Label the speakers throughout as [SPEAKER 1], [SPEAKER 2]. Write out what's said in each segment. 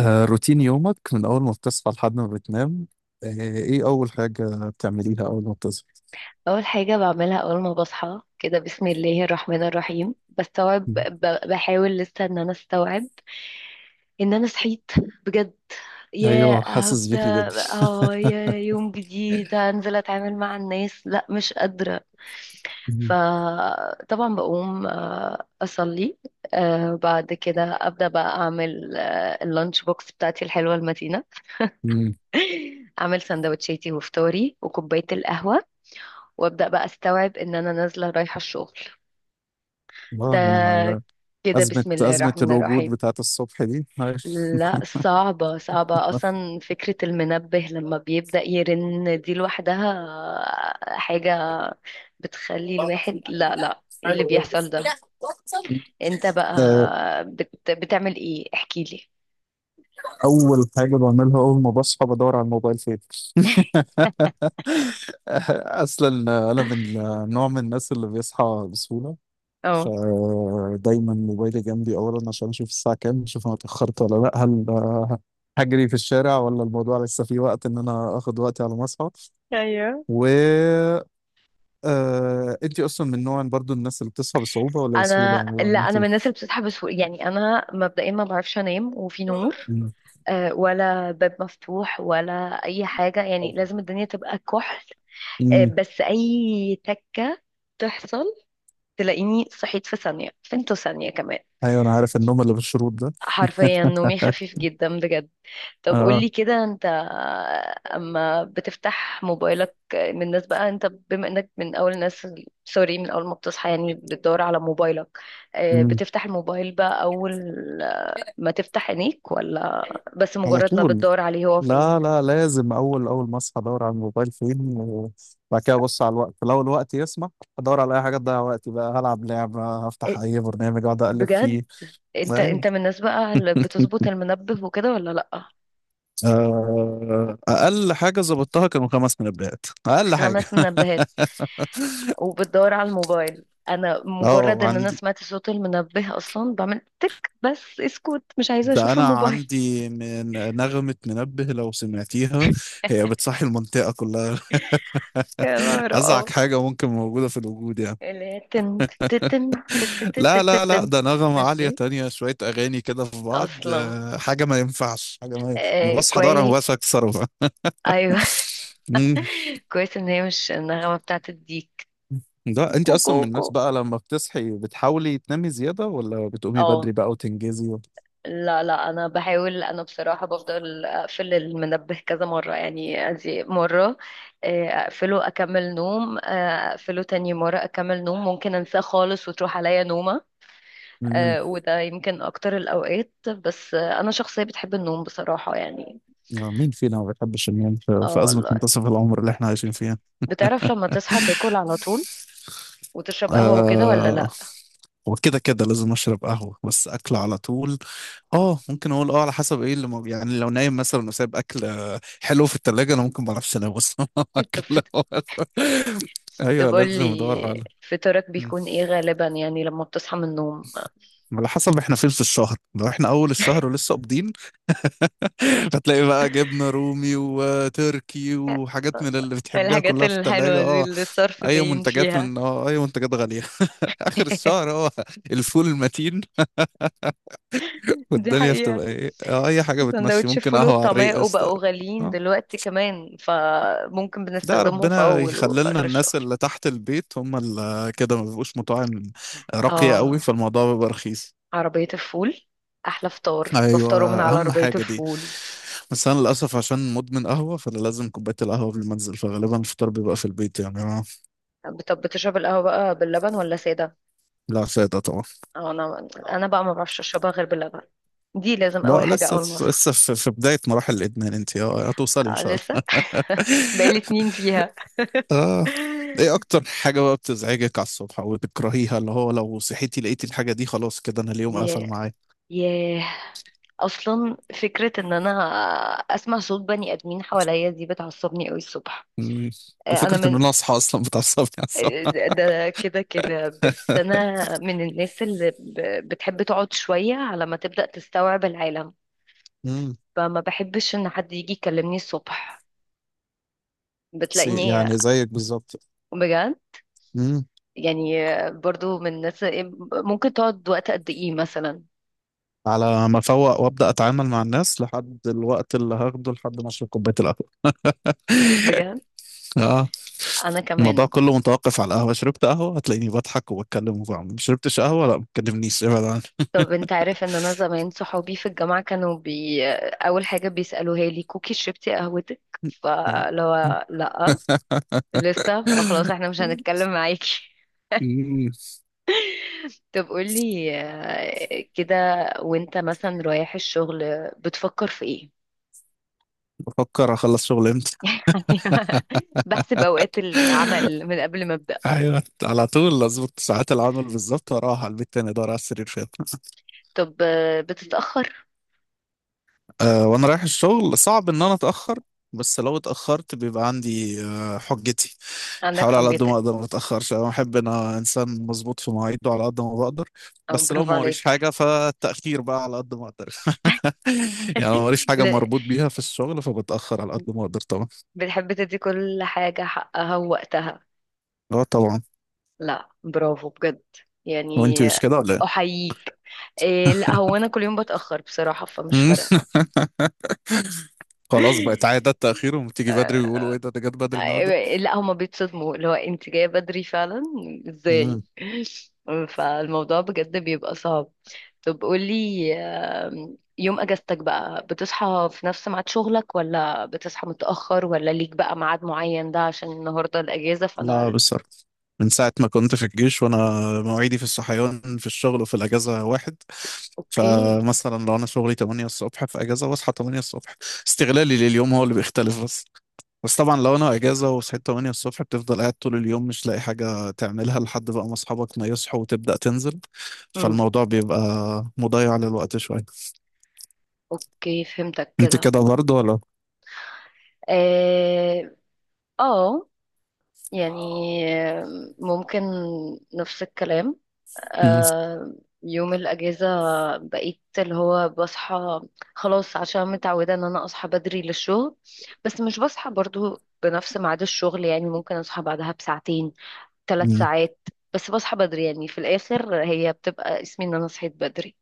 [SPEAKER 1] روتين يومك من أول ما بتصحى لحد ما بتنام. آه، إيه أول حاجة بتعمليها أول ما بتصحى؟
[SPEAKER 2] اول حاجه بعملها اول ما بصحى كده بسم الله الرحمن الرحيم بستوعب،
[SPEAKER 1] مم.
[SPEAKER 2] بحاول لسه ان انا استوعب ان انا صحيت بجد. يا
[SPEAKER 1] أيوه، حاسس
[SPEAKER 2] هبدا.
[SPEAKER 1] بيكي جدا.
[SPEAKER 2] اه، يا يوم جديد هنزل اتعامل مع الناس، لا مش قادره.
[SPEAKER 1] مم.
[SPEAKER 2] فطبعا بقوم، اصلي. بعد كده ابدا بقى اعمل اللانش بوكس بتاعتي الحلوه المتينه.
[SPEAKER 1] مم.
[SPEAKER 2] اعمل سندوتشاتي وفطاري وكوبايه القهوه، وابدا بقى استوعب ان انا نازله رايحه الشغل. ده
[SPEAKER 1] يعني
[SPEAKER 2] كده
[SPEAKER 1] أزمة
[SPEAKER 2] بسم الله
[SPEAKER 1] أزمة
[SPEAKER 2] الرحمن
[SPEAKER 1] الوجود
[SPEAKER 2] الرحيم.
[SPEAKER 1] بتاعت الصبح دي، عارف.
[SPEAKER 2] لا، صعبة صعبة أصلا فكرة المنبه لما بيبدأ يرن دي لوحدها حاجة بتخلي الواحد، لا لا ايه اللي بيحصل ده؟
[SPEAKER 1] لا، بطل.
[SPEAKER 2] انت بقى
[SPEAKER 1] آه،
[SPEAKER 2] بتعمل ايه؟ احكي لي.
[SPEAKER 1] أول حاجة بعملها أول ما بصحى، بدور على الموبايل فين. أصلا أنا من نوع من الناس اللي بيصحى بسهولة،
[SPEAKER 2] اه،
[SPEAKER 1] فدايما موبايلي جنبي اولا عشان اشوف الساعه كام، اشوف انا اتاخرت ولا لا، هل هجري في الشارع ولا الموضوع لسه فيه وقت ان انا اخد وقتي على ما اصحى.
[SPEAKER 2] ايوه
[SPEAKER 1] و انتي اصلا من نوع برضو الناس اللي بتصحى بصعوبه ولا بسهوله،
[SPEAKER 2] انا،
[SPEAKER 1] يعني
[SPEAKER 2] لا
[SPEAKER 1] لو
[SPEAKER 2] انا من
[SPEAKER 1] انتي.
[SPEAKER 2] الناس اللي بتصحى بسهوله. يعني انا مبدئيا ما بعرفش انام وفي نور،
[SPEAKER 1] مم.
[SPEAKER 2] ولا باب مفتوح، ولا اي حاجه. يعني لازم الدنيا تبقى كحل.
[SPEAKER 1] مم.
[SPEAKER 2] بس اي تكه تحصل تلاقيني صحيت في ثانيه، فين ثانيه كمان.
[SPEAKER 1] ايوه، انا عارف النوم اللي بالشروط ده.
[SPEAKER 2] حرفيا نومي خفيف جدا بجد. طب
[SPEAKER 1] اه.
[SPEAKER 2] قولي كده انت، اما بتفتح موبايلك من الناس بقى، انت بما انك من اول الناس، سوري، من اول ما بتصحى يعني بتدور على موبايلك،
[SPEAKER 1] مم.
[SPEAKER 2] بتفتح الموبايل بقى اول ما تفتح عينيك، ولا بس
[SPEAKER 1] على
[SPEAKER 2] مجرد ما
[SPEAKER 1] طول،
[SPEAKER 2] بتدور عليه هو فين؟
[SPEAKER 1] لا لا، لازم اول اول ما اصحى ادور على الموبايل فين، وبعد كده ابص على الوقت، لو الوقت يسمح ادور على اي حاجه تضيع وقتي بقى، هلعب لعبه،
[SPEAKER 2] آه،
[SPEAKER 1] هفتح اي برنامج اقعد اقلب
[SPEAKER 2] بجد.
[SPEAKER 1] فيه.
[SPEAKER 2] انت
[SPEAKER 1] أيوة.
[SPEAKER 2] انت من الناس بقى اللي بتظبط المنبه وكده ولا لأ؟
[SPEAKER 1] اقل حاجه ظبطتها كانوا 5 منبهات، اقل حاجه.
[SPEAKER 2] خمس منبهات وبتدور على الموبايل! انا
[SPEAKER 1] اه،
[SPEAKER 2] مجرد ان انا
[SPEAKER 1] عندي،
[SPEAKER 2] سمعت صوت المنبه اصلا بعمل تك بس اسكت، مش عايزة
[SPEAKER 1] ده
[SPEAKER 2] اشوف
[SPEAKER 1] انا
[SPEAKER 2] الموبايل.
[SPEAKER 1] عندي من نغمه منبه لو سمعتيها، هي بتصحي المنطقه كلها.
[SPEAKER 2] يا نهار
[SPEAKER 1] ازعج
[SPEAKER 2] اه!
[SPEAKER 1] حاجه ممكن موجوده في الوجود يعني.
[SPEAKER 2] اللي هي تن تتن
[SPEAKER 1] لا لا لا،
[SPEAKER 2] تتتتتتن.
[SPEAKER 1] ده نغمة
[SPEAKER 2] مش
[SPEAKER 1] عالية
[SPEAKER 2] دي
[SPEAKER 1] تانية، شوية أغاني كده في بعض،
[SPEAKER 2] اصلا.
[SPEAKER 1] حاجة ما ينفعش حاجة ما ينفعش. أنا
[SPEAKER 2] آه،
[SPEAKER 1] بصحى دار أنا
[SPEAKER 2] كويس.
[SPEAKER 1] بس أكسرها.
[SPEAKER 2] ايوه.
[SPEAKER 1] مم.
[SPEAKER 2] كويس ان هي مش النغمة بتاعت الديك
[SPEAKER 1] ده أنت
[SPEAKER 2] كوكو
[SPEAKER 1] أصلا من الناس
[SPEAKER 2] كوكو.
[SPEAKER 1] بقى لما بتصحي بتحاولي تنامي زيادة ولا بتقومي
[SPEAKER 2] اه،
[SPEAKER 1] بدري بقى وتنجزي و...
[SPEAKER 2] لا لا انا بحاول. انا بصراحه بفضل اقفل المنبه كذا مره. يعني ادي مره، اقفله اكمل نوم، اقفله تاني مره اكمل نوم، ممكن انساه خالص وتروح عليا نومه.
[SPEAKER 1] مم.
[SPEAKER 2] وده يمكن اكتر الاوقات، بس انا شخصيه بتحب النوم بصراحه يعني.
[SPEAKER 1] مين فينا ما بيحبش النوم في
[SPEAKER 2] اه
[SPEAKER 1] في أزمة
[SPEAKER 2] والله.
[SPEAKER 1] منتصف العمر اللي إحنا عايشين فيها.
[SPEAKER 2] بتعرف لما تصحى تاكل على طول وتشرب قهوه وكده، ولا
[SPEAKER 1] آه،
[SPEAKER 2] لا؟
[SPEAKER 1] وكده كده لازم أشرب قهوة، بس أكل على طول.
[SPEAKER 2] آه.
[SPEAKER 1] اه، ممكن اقول اه، على حسب ايه اللي موجود، يعني لو نايم مثلا وسايب اكل حلو في التلاجة، انا ممكن ما اعرفش انام اصلا.
[SPEAKER 2] انت
[SPEAKER 1] اكل،
[SPEAKER 2] طب
[SPEAKER 1] ايوه
[SPEAKER 2] قول
[SPEAKER 1] لازم ادور
[SPEAKER 2] لي،
[SPEAKER 1] على.
[SPEAKER 2] فطارك
[SPEAKER 1] مم.
[SPEAKER 2] بيكون ايه غالبا يعني لما بتصحى من النوم؟
[SPEAKER 1] على حسب احنا فين في الشهر، لو احنا اول الشهر ولسه قابضين. هتلاقي بقى جبنة رومي وتركي وحاجات من اللي بتحبيها
[SPEAKER 2] الحاجات
[SPEAKER 1] كلها في التلاجة.
[SPEAKER 2] الحلوة دي
[SPEAKER 1] اه،
[SPEAKER 2] اللي الصرف
[SPEAKER 1] اي
[SPEAKER 2] باين
[SPEAKER 1] منتجات
[SPEAKER 2] فيها.
[SPEAKER 1] من اي منتجات غالية. اخر الشهر، الفول المتين،
[SPEAKER 2] دي
[SPEAKER 1] والدنيا
[SPEAKER 2] حقيقة.
[SPEAKER 1] بتبقى ايه، اه، اي حاجة بتمشي،
[SPEAKER 2] سندوتش
[SPEAKER 1] ممكن
[SPEAKER 2] الفول
[SPEAKER 1] قهوة على
[SPEAKER 2] والطعمية
[SPEAKER 1] الريق قشطة.
[SPEAKER 2] وبقوا غاليين
[SPEAKER 1] اه،
[SPEAKER 2] دلوقتي كمان، فممكن
[SPEAKER 1] ده
[SPEAKER 2] بنستخدمهم في
[SPEAKER 1] ربنا
[SPEAKER 2] أول وفي
[SPEAKER 1] يخللنا،
[SPEAKER 2] آخر
[SPEAKER 1] الناس
[SPEAKER 2] الشهر.
[SPEAKER 1] اللي تحت البيت هم اللي كده، ما بيبقوش مطاعم راقية قوي،
[SPEAKER 2] اه،
[SPEAKER 1] فالموضوع بيبقى رخيص.
[SPEAKER 2] عربية الفول. أحلى فطار
[SPEAKER 1] ايوه،
[SPEAKER 2] بفطره من على
[SPEAKER 1] اهم
[SPEAKER 2] عربية
[SPEAKER 1] حاجة دي.
[SPEAKER 2] الفول.
[SPEAKER 1] بس انا للاسف عشان مدمن قهوة، فانا لازم كوباية القهوة قبل ما انزل، فغالبا الفطار بيبقى في البيت، يعني أنا.
[SPEAKER 2] طب بتشرب القهوة بقى باللبن ولا سادة؟
[SPEAKER 1] لا، فايدة طبعا.
[SPEAKER 2] أو أنا بقى ما بعرفش أشربها غير باللبن. دي لازم أول
[SPEAKER 1] لا،
[SPEAKER 2] حاجة
[SPEAKER 1] لسه
[SPEAKER 2] أول ما أصحى.
[SPEAKER 1] لسه في بداية مراحل الادمان انت، هتوصلي ان
[SPEAKER 2] آه،
[SPEAKER 1] شاء
[SPEAKER 2] لسه.
[SPEAKER 1] الله.
[SPEAKER 2] بقالي اتنين فيها.
[SPEAKER 1] اه. ايه اكتر حاجة بقى بتزعجك على الصبح او بتكرهيها، اللي هو لو صحيتي لقيتي الحاجة دي خلاص كده انا اليوم قفل
[SPEAKER 2] ياه،
[SPEAKER 1] معايا.
[SPEAKER 2] ياه. اصلا فكره ان انا اسمع صوت بني ادمين حواليا دي بتعصبني قوي الصبح.
[SPEAKER 1] مم.
[SPEAKER 2] آه، انا
[SPEAKER 1] وفكرة ان
[SPEAKER 2] من
[SPEAKER 1] انا اصحى اصلا بتعصبني عصب.
[SPEAKER 2] آه، ده كده كده. بس انا من الناس اللي بتحب تقعد شويه على ما تبدا تستوعب العالم،
[SPEAKER 1] امم
[SPEAKER 2] فما بحبش ان حد يجي يكلمني الصبح.
[SPEAKER 1] سي
[SPEAKER 2] بتلاقيني،
[SPEAKER 1] يعني زيك بالظبط.
[SPEAKER 2] بجد
[SPEAKER 1] امم
[SPEAKER 2] يعني، برضو من الناس. ممكن تقعد وقت قد ايه مثلا؟
[SPEAKER 1] على ما افوق وابدا اتعامل مع الناس، لحد الوقت اللي هاخده لحد ما اشرب كوبايه القهوه.
[SPEAKER 2] بجد.
[SPEAKER 1] اه
[SPEAKER 2] انا
[SPEAKER 1] الموضوع
[SPEAKER 2] كمان.
[SPEAKER 1] كله متوقف على القهوه، شربت قهوه هتلاقيني بضحك وبتكلم وبعمل، ما شربتش قهوه لا ما تكلمنيش ابعد عني.
[SPEAKER 2] طب انت عارف ان انا زمان صحابي في الجامعة كانوا اول حاجة بيسألوها لي: كوكي شربتي قهوتك؟
[SPEAKER 1] آه.
[SPEAKER 2] فلو لا لسه، فخلاص احنا مش هنتكلم معاكي.
[SPEAKER 1] مم.
[SPEAKER 2] طب قولي كده، وانت مثلا رايح الشغل بتفكر في ايه؟
[SPEAKER 1] بفكر اخلص شغل امتى.
[SPEAKER 2] بحسب اوقات العمل من قبل ما ابدأ.
[SPEAKER 1] ايوه، على طول اظبط ساعات العمل بالظبط، واروح على البيت تاني ادور على السرير فين.
[SPEAKER 2] طب بتتأخر؟
[SPEAKER 1] أه، وانا رايح الشغل صعب ان انا اتاخر، بس لو اتاخرت بيبقى عندي حجتي.
[SPEAKER 2] عندك
[SPEAKER 1] بحاول على قد ما
[SPEAKER 2] حجتك.
[SPEAKER 1] اقدر ما اتاخرش، انا بحب ان انا انسان مظبوط في مواعيده على قد ما بقدر، بس لو
[SPEAKER 2] برافو
[SPEAKER 1] ما وريش
[SPEAKER 2] عليك.
[SPEAKER 1] حاجه فالتاخير بقى على قد ما اقدر. يعني ما وريش حاجه
[SPEAKER 2] لا،
[SPEAKER 1] مربوط بيها في الشغل فبتاخر على قد ما اقدر طبعا.
[SPEAKER 2] بتحب تدي كل حاجة حقها ووقتها.
[SPEAKER 1] اه طبعا.
[SPEAKER 2] لا برافو بجد، يعني
[SPEAKER 1] وانت مش كده ولا ايه؟
[SPEAKER 2] احييك. إيه، لا هو انا كل يوم بتاخر بصراحه، فمش فارقه.
[SPEAKER 1] خلاص، بقت عاده التاخير، وبتيجي بدري
[SPEAKER 2] آه،
[SPEAKER 1] ويقولوا ايه ده جت بدري النهارده.
[SPEAKER 2] لا، هما بيتصدموا اللي هو انت جايه بدري فعلا ازاي؟ فالموضوع بجد بيبقى صعب. طب قولي، يوم اجازتك بقى بتصحى في نفس ميعاد شغلك، ولا بتصحى متاخر، ولا ليك بقى ميعاد معين ده عشان النهارده الاجازه؟
[SPEAKER 1] لا،
[SPEAKER 2] فانا،
[SPEAKER 1] بالظبط، من ساعة ما كنت في الجيش وأنا مواعيدي في الصحيان في الشغل وفي الأجازة واحد.
[SPEAKER 2] اوكي،
[SPEAKER 1] فمثلا لو أنا شغلي 8 الصبح، في أجازة بصحى 8 الصبح، استغلالي لليوم هو اللي بيختلف بس. بس طبعا لو أنا أجازة وصحيت 8 الصبح، بتفضل قاعد طول اليوم مش لاقي حاجة تعملها لحد بقى ما أصحابك ما يصحوا وتبدأ تنزل،
[SPEAKER 2] امم،
[SPEAKER 1] فالموضوع بيبقى مضيع للوقت شوية.
[SPEAKER 2] اوكي فهمتك
[SPEAKER 1] أنت
[SPEAKER 2] كده.
[SPEAKER 1] كده برضه ولا؟
[SPEAKER 2] آه، اه، يعني ممكن نفس الكلام. آه، يوم الاجازه بقيت اللي هو بصحى خلاص، عشان متعوده ان انا اصحى بدري للشغل. بس مش بصحى برضو بنفس ميعاد الشغل، يعني ممكن اصحى بعدها بساعتين، ثلاث ساعات، بس بصحى بدري. يعني في الاخر هي بتبقى اسمي ان انا صحيت بدري.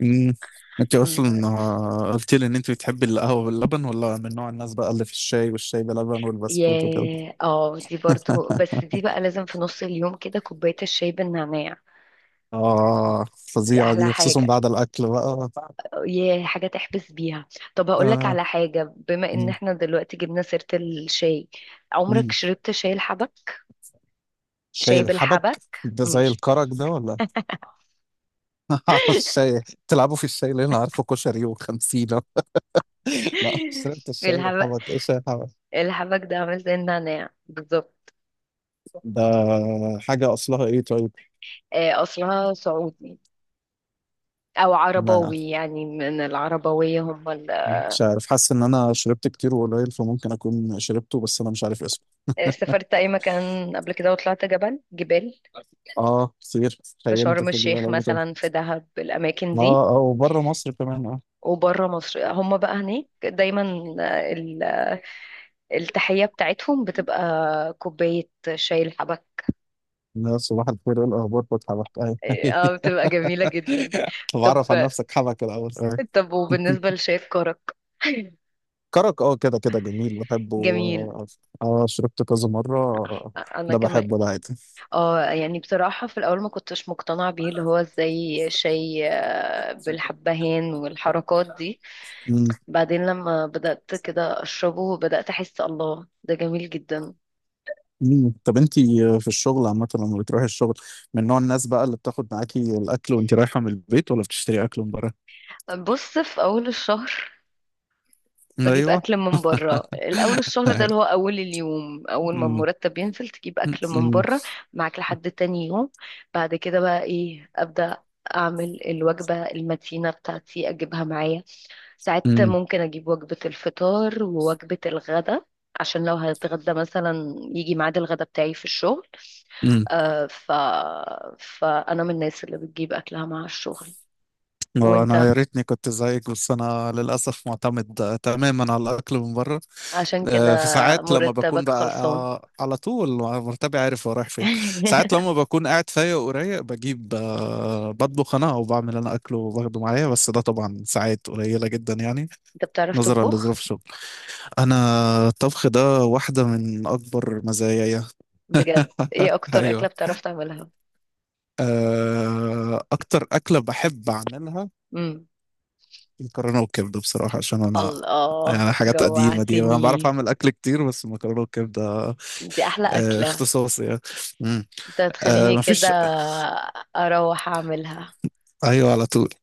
[SPEAKER 1] مم. انت اصلا
[SPEAKER 2] م-
[SPEAKER 1] قلت لي ان انت بتحبي القهوه باللبن ولا من نوع الناس بقى اللي في الشاي، والشاي بلبن
[SPEAKER 2] يا
[SPEAKER 1] والبسكوت وكده.
[SPEAKER 2] اه، دي برضو، بس دي بقى لازم في نص اليوم كده كوبايه الشاي بالنعناع.
[SPEAKER 1] اه،
[SPEAKER 2] دي
[SPEAKER 1] فظيعه
[SPEAKER 2] احلى
[SPEAKER 1] دي خصوصا
[SPEAKER 2] حاجه.
[SPEAKER 1] بعد الاكل بقى.
[SPEAKER 2] ياه، حاجة تحبس بيها. طب هقولك
[SPEAKER 1] آه.
[SPEAKER 2] على حاجة بما ان
[SPEAKER 1] مم.
[SPEAKER 2] احنا دلوقتي جبنا سيرة الشاي، عمرك
[SPEAKER 1] مم.
[SPEAKER 2] شربت شاي الحبك؟
[SPEAKER 1] شاي
[SPEAKER 2] شاي
[SPEAKER 1] الحبك
[SPEAKER 2] بالحبك.
[SPEAKER 1] ده زي
[SPEAKER 2] مش،
[SPEAKER 1] الكرك ده ولا؟ عارف الشاي، تلعبوا في الشاي اللي انا عارفه كشري وخمسين. لا، شربت الشاي
[SPEAKER 2] الحبك.
[SPEAKER 1] بالحبك، ايه شاي الحبك؟
[SPEAKER 2] الحبك ده عامل زي النعناع بالظبط.
[SPEAKER 1] ده حاجه اصلها ايه طيب؟
[SPEAKER 2] اصلها سعودي، او
[SPEAKER 1] ما
[SPEAKER 2] عرباوي يعني، من العربوية هم
[SPEAKER 1] مش عارف، حاسس ان انا شربت كتير وقليل فممكن اكون شربته، بس انا مش عارف اسمه.
[SPEAKER 2] آه، سافرت اي مكان قبل كده وطلعت جبل جبال؟
[SPEAKER 1] اه كتير،
[SPEAKER 2] في
[SPEAKER 1] خيمت
[SPEAKER 2] شرم
[SPEAKER 1] في الجبال
[SPEAKER 2] الشيخ
[SPEAKER 1] قبل كده.
[SPEAKER 2] مثلا، في دهب، الاماكن دي؟
[SPEAKER 1] اه اه، وبره مصر كمان اه.
[SPEAKER 2] وبره مصر هم بقى هناك دايما التحية بتاعتهم بتبقى كوباية شاي الحبة.
[SPEAKER 1] لا، صباح الخير ايه الاخبار فتحي حبك، ايوه.
[SPEAKER 2] اه، بتبقى جميلة جدا.
[SPEAKER 1] طب اعرف عن
[SPEAKER 2] طب
[SPEAKER 1] نفسك حبك الاول. آه.
[SPEAKER 2] طب وبالنسبة لشاي الكرك؟
[SPEAKER 1] كرك، اه كده كده، جميل بحبه.
[SPEAKER 2] جميل.
[SPEAKER 1] اه، شربت كذا مره.
[SPEAKER 2] انا
[SPEAKER 1] ده
[SPEAKER 2] كمان.
[SPEAKER 1] بحبه ده عادي.
[SPEAKER 2] اه يعني بصراحة في الاول ما كنتش مقتنعة بيه، اللي هو ازاي شاي بالحبهان والحركات دي.
[SPEAKER 1] مم.
[SPEAKER 2] بعدين لما بدأت كده اشربه بدأت احس الله ده جميل جدا.
[SPEAKER 1] مم. طب انتي في الشغل عامة لما بتروحي الشغل، من نوع الناس بقى اللي بتاخد معاكي الأكل وانتي رايحة من البيت، ولا بتشتري أكل من بره؟
[SPEAKER 2] بص، في اول الشهر بجيب
[SPEAKER 1] أيوه.
[SPEAKER 2] اكل من بره. الاول الشهر ده اللي هو اول اليوم، اول ما
[SPEAKER 1] مم.
[SPEAKER 2] المرتب ينزل تجيب اكل من
[SPEAKER 1] مم.
[SPEAKER 2] بره، معاك لحد تاني يوم. بعد كده بقى ايه، ابدا اعمل الوجبه المتينه بتاعتي اجيبها معايا. ساعات
[SPEAKER 1] مم.
[SPEAKER 2] ممكن اجيب وجبه الفطار ووجبه الغدا، عشان لو هتغدى مثلا يجي ميعاد الغدا بتاعي في الشغل.
[SPEAKER 1] مم.
[SPEAKER 2] آه، فانا من الناس اللي بتجيب اكلها مع الشغل.
[SPEAKER 1] وانا
[SPEAKER 2] وانت؟
[SPEAKER 1] يا ريتني كنت زيك، بس انا للاسف معتمد تماما على الاكل من بره.
[SPEAKER 2] عشان كده
[SPEAKER 1] في ساعات لما بكون
[SPEAKER 2] مرتبك
[SPEAKER 1] بقى
[SPEAKER 2] خلصان.
[SPEAKER 1] على طول مرتبي عارف هو رايح فين. ساعات لما بكون قاعد فايق ورايق بجيب، بطبخ انا او بعمل انا اكل وباخده معايا، بس ده طبعا ساعات قليله جدا يعني،
[SPEAKER 2] انت بتعرف
[SPEAKER 1] نظرا
[SPEAKER 2] تطبخ؟
[SPEAKER 1] لظروف شغل. انا الطبخ ده واحده من اكبر مزاياي.
[SPEAKER 2] بجد، ايه اكتر
[SPEAKER 1] ايوه،
[SPEAKER 2] اكلة بتعرف تعملها؟
[SPEAKER 1] اكتر اكله بحب اعملها
[SPEAKER 2] امم،
[SPEAKER 1] مكرونه وكبده بصراحه، عشان انا
[SPEAKER 2] الله
[SPEAKER 1] يعني حاجات قديمه دي، انا بعرف
[SPEAKER 2] جوعتني.
[SPEAKER 1] اعمل اكل كتير بس مكرونه وكبده
[SPEAKER 2] دي احلى اكلة.
[SPEAKER 1] اختصاصي يعني. مم.
[SPEAKER 2] انت هتخليني كده
[SPEAKER 1] مفيش،
[SPEAKER 2] اروح اعملها.
[SPEAKER 1] ايوه على طول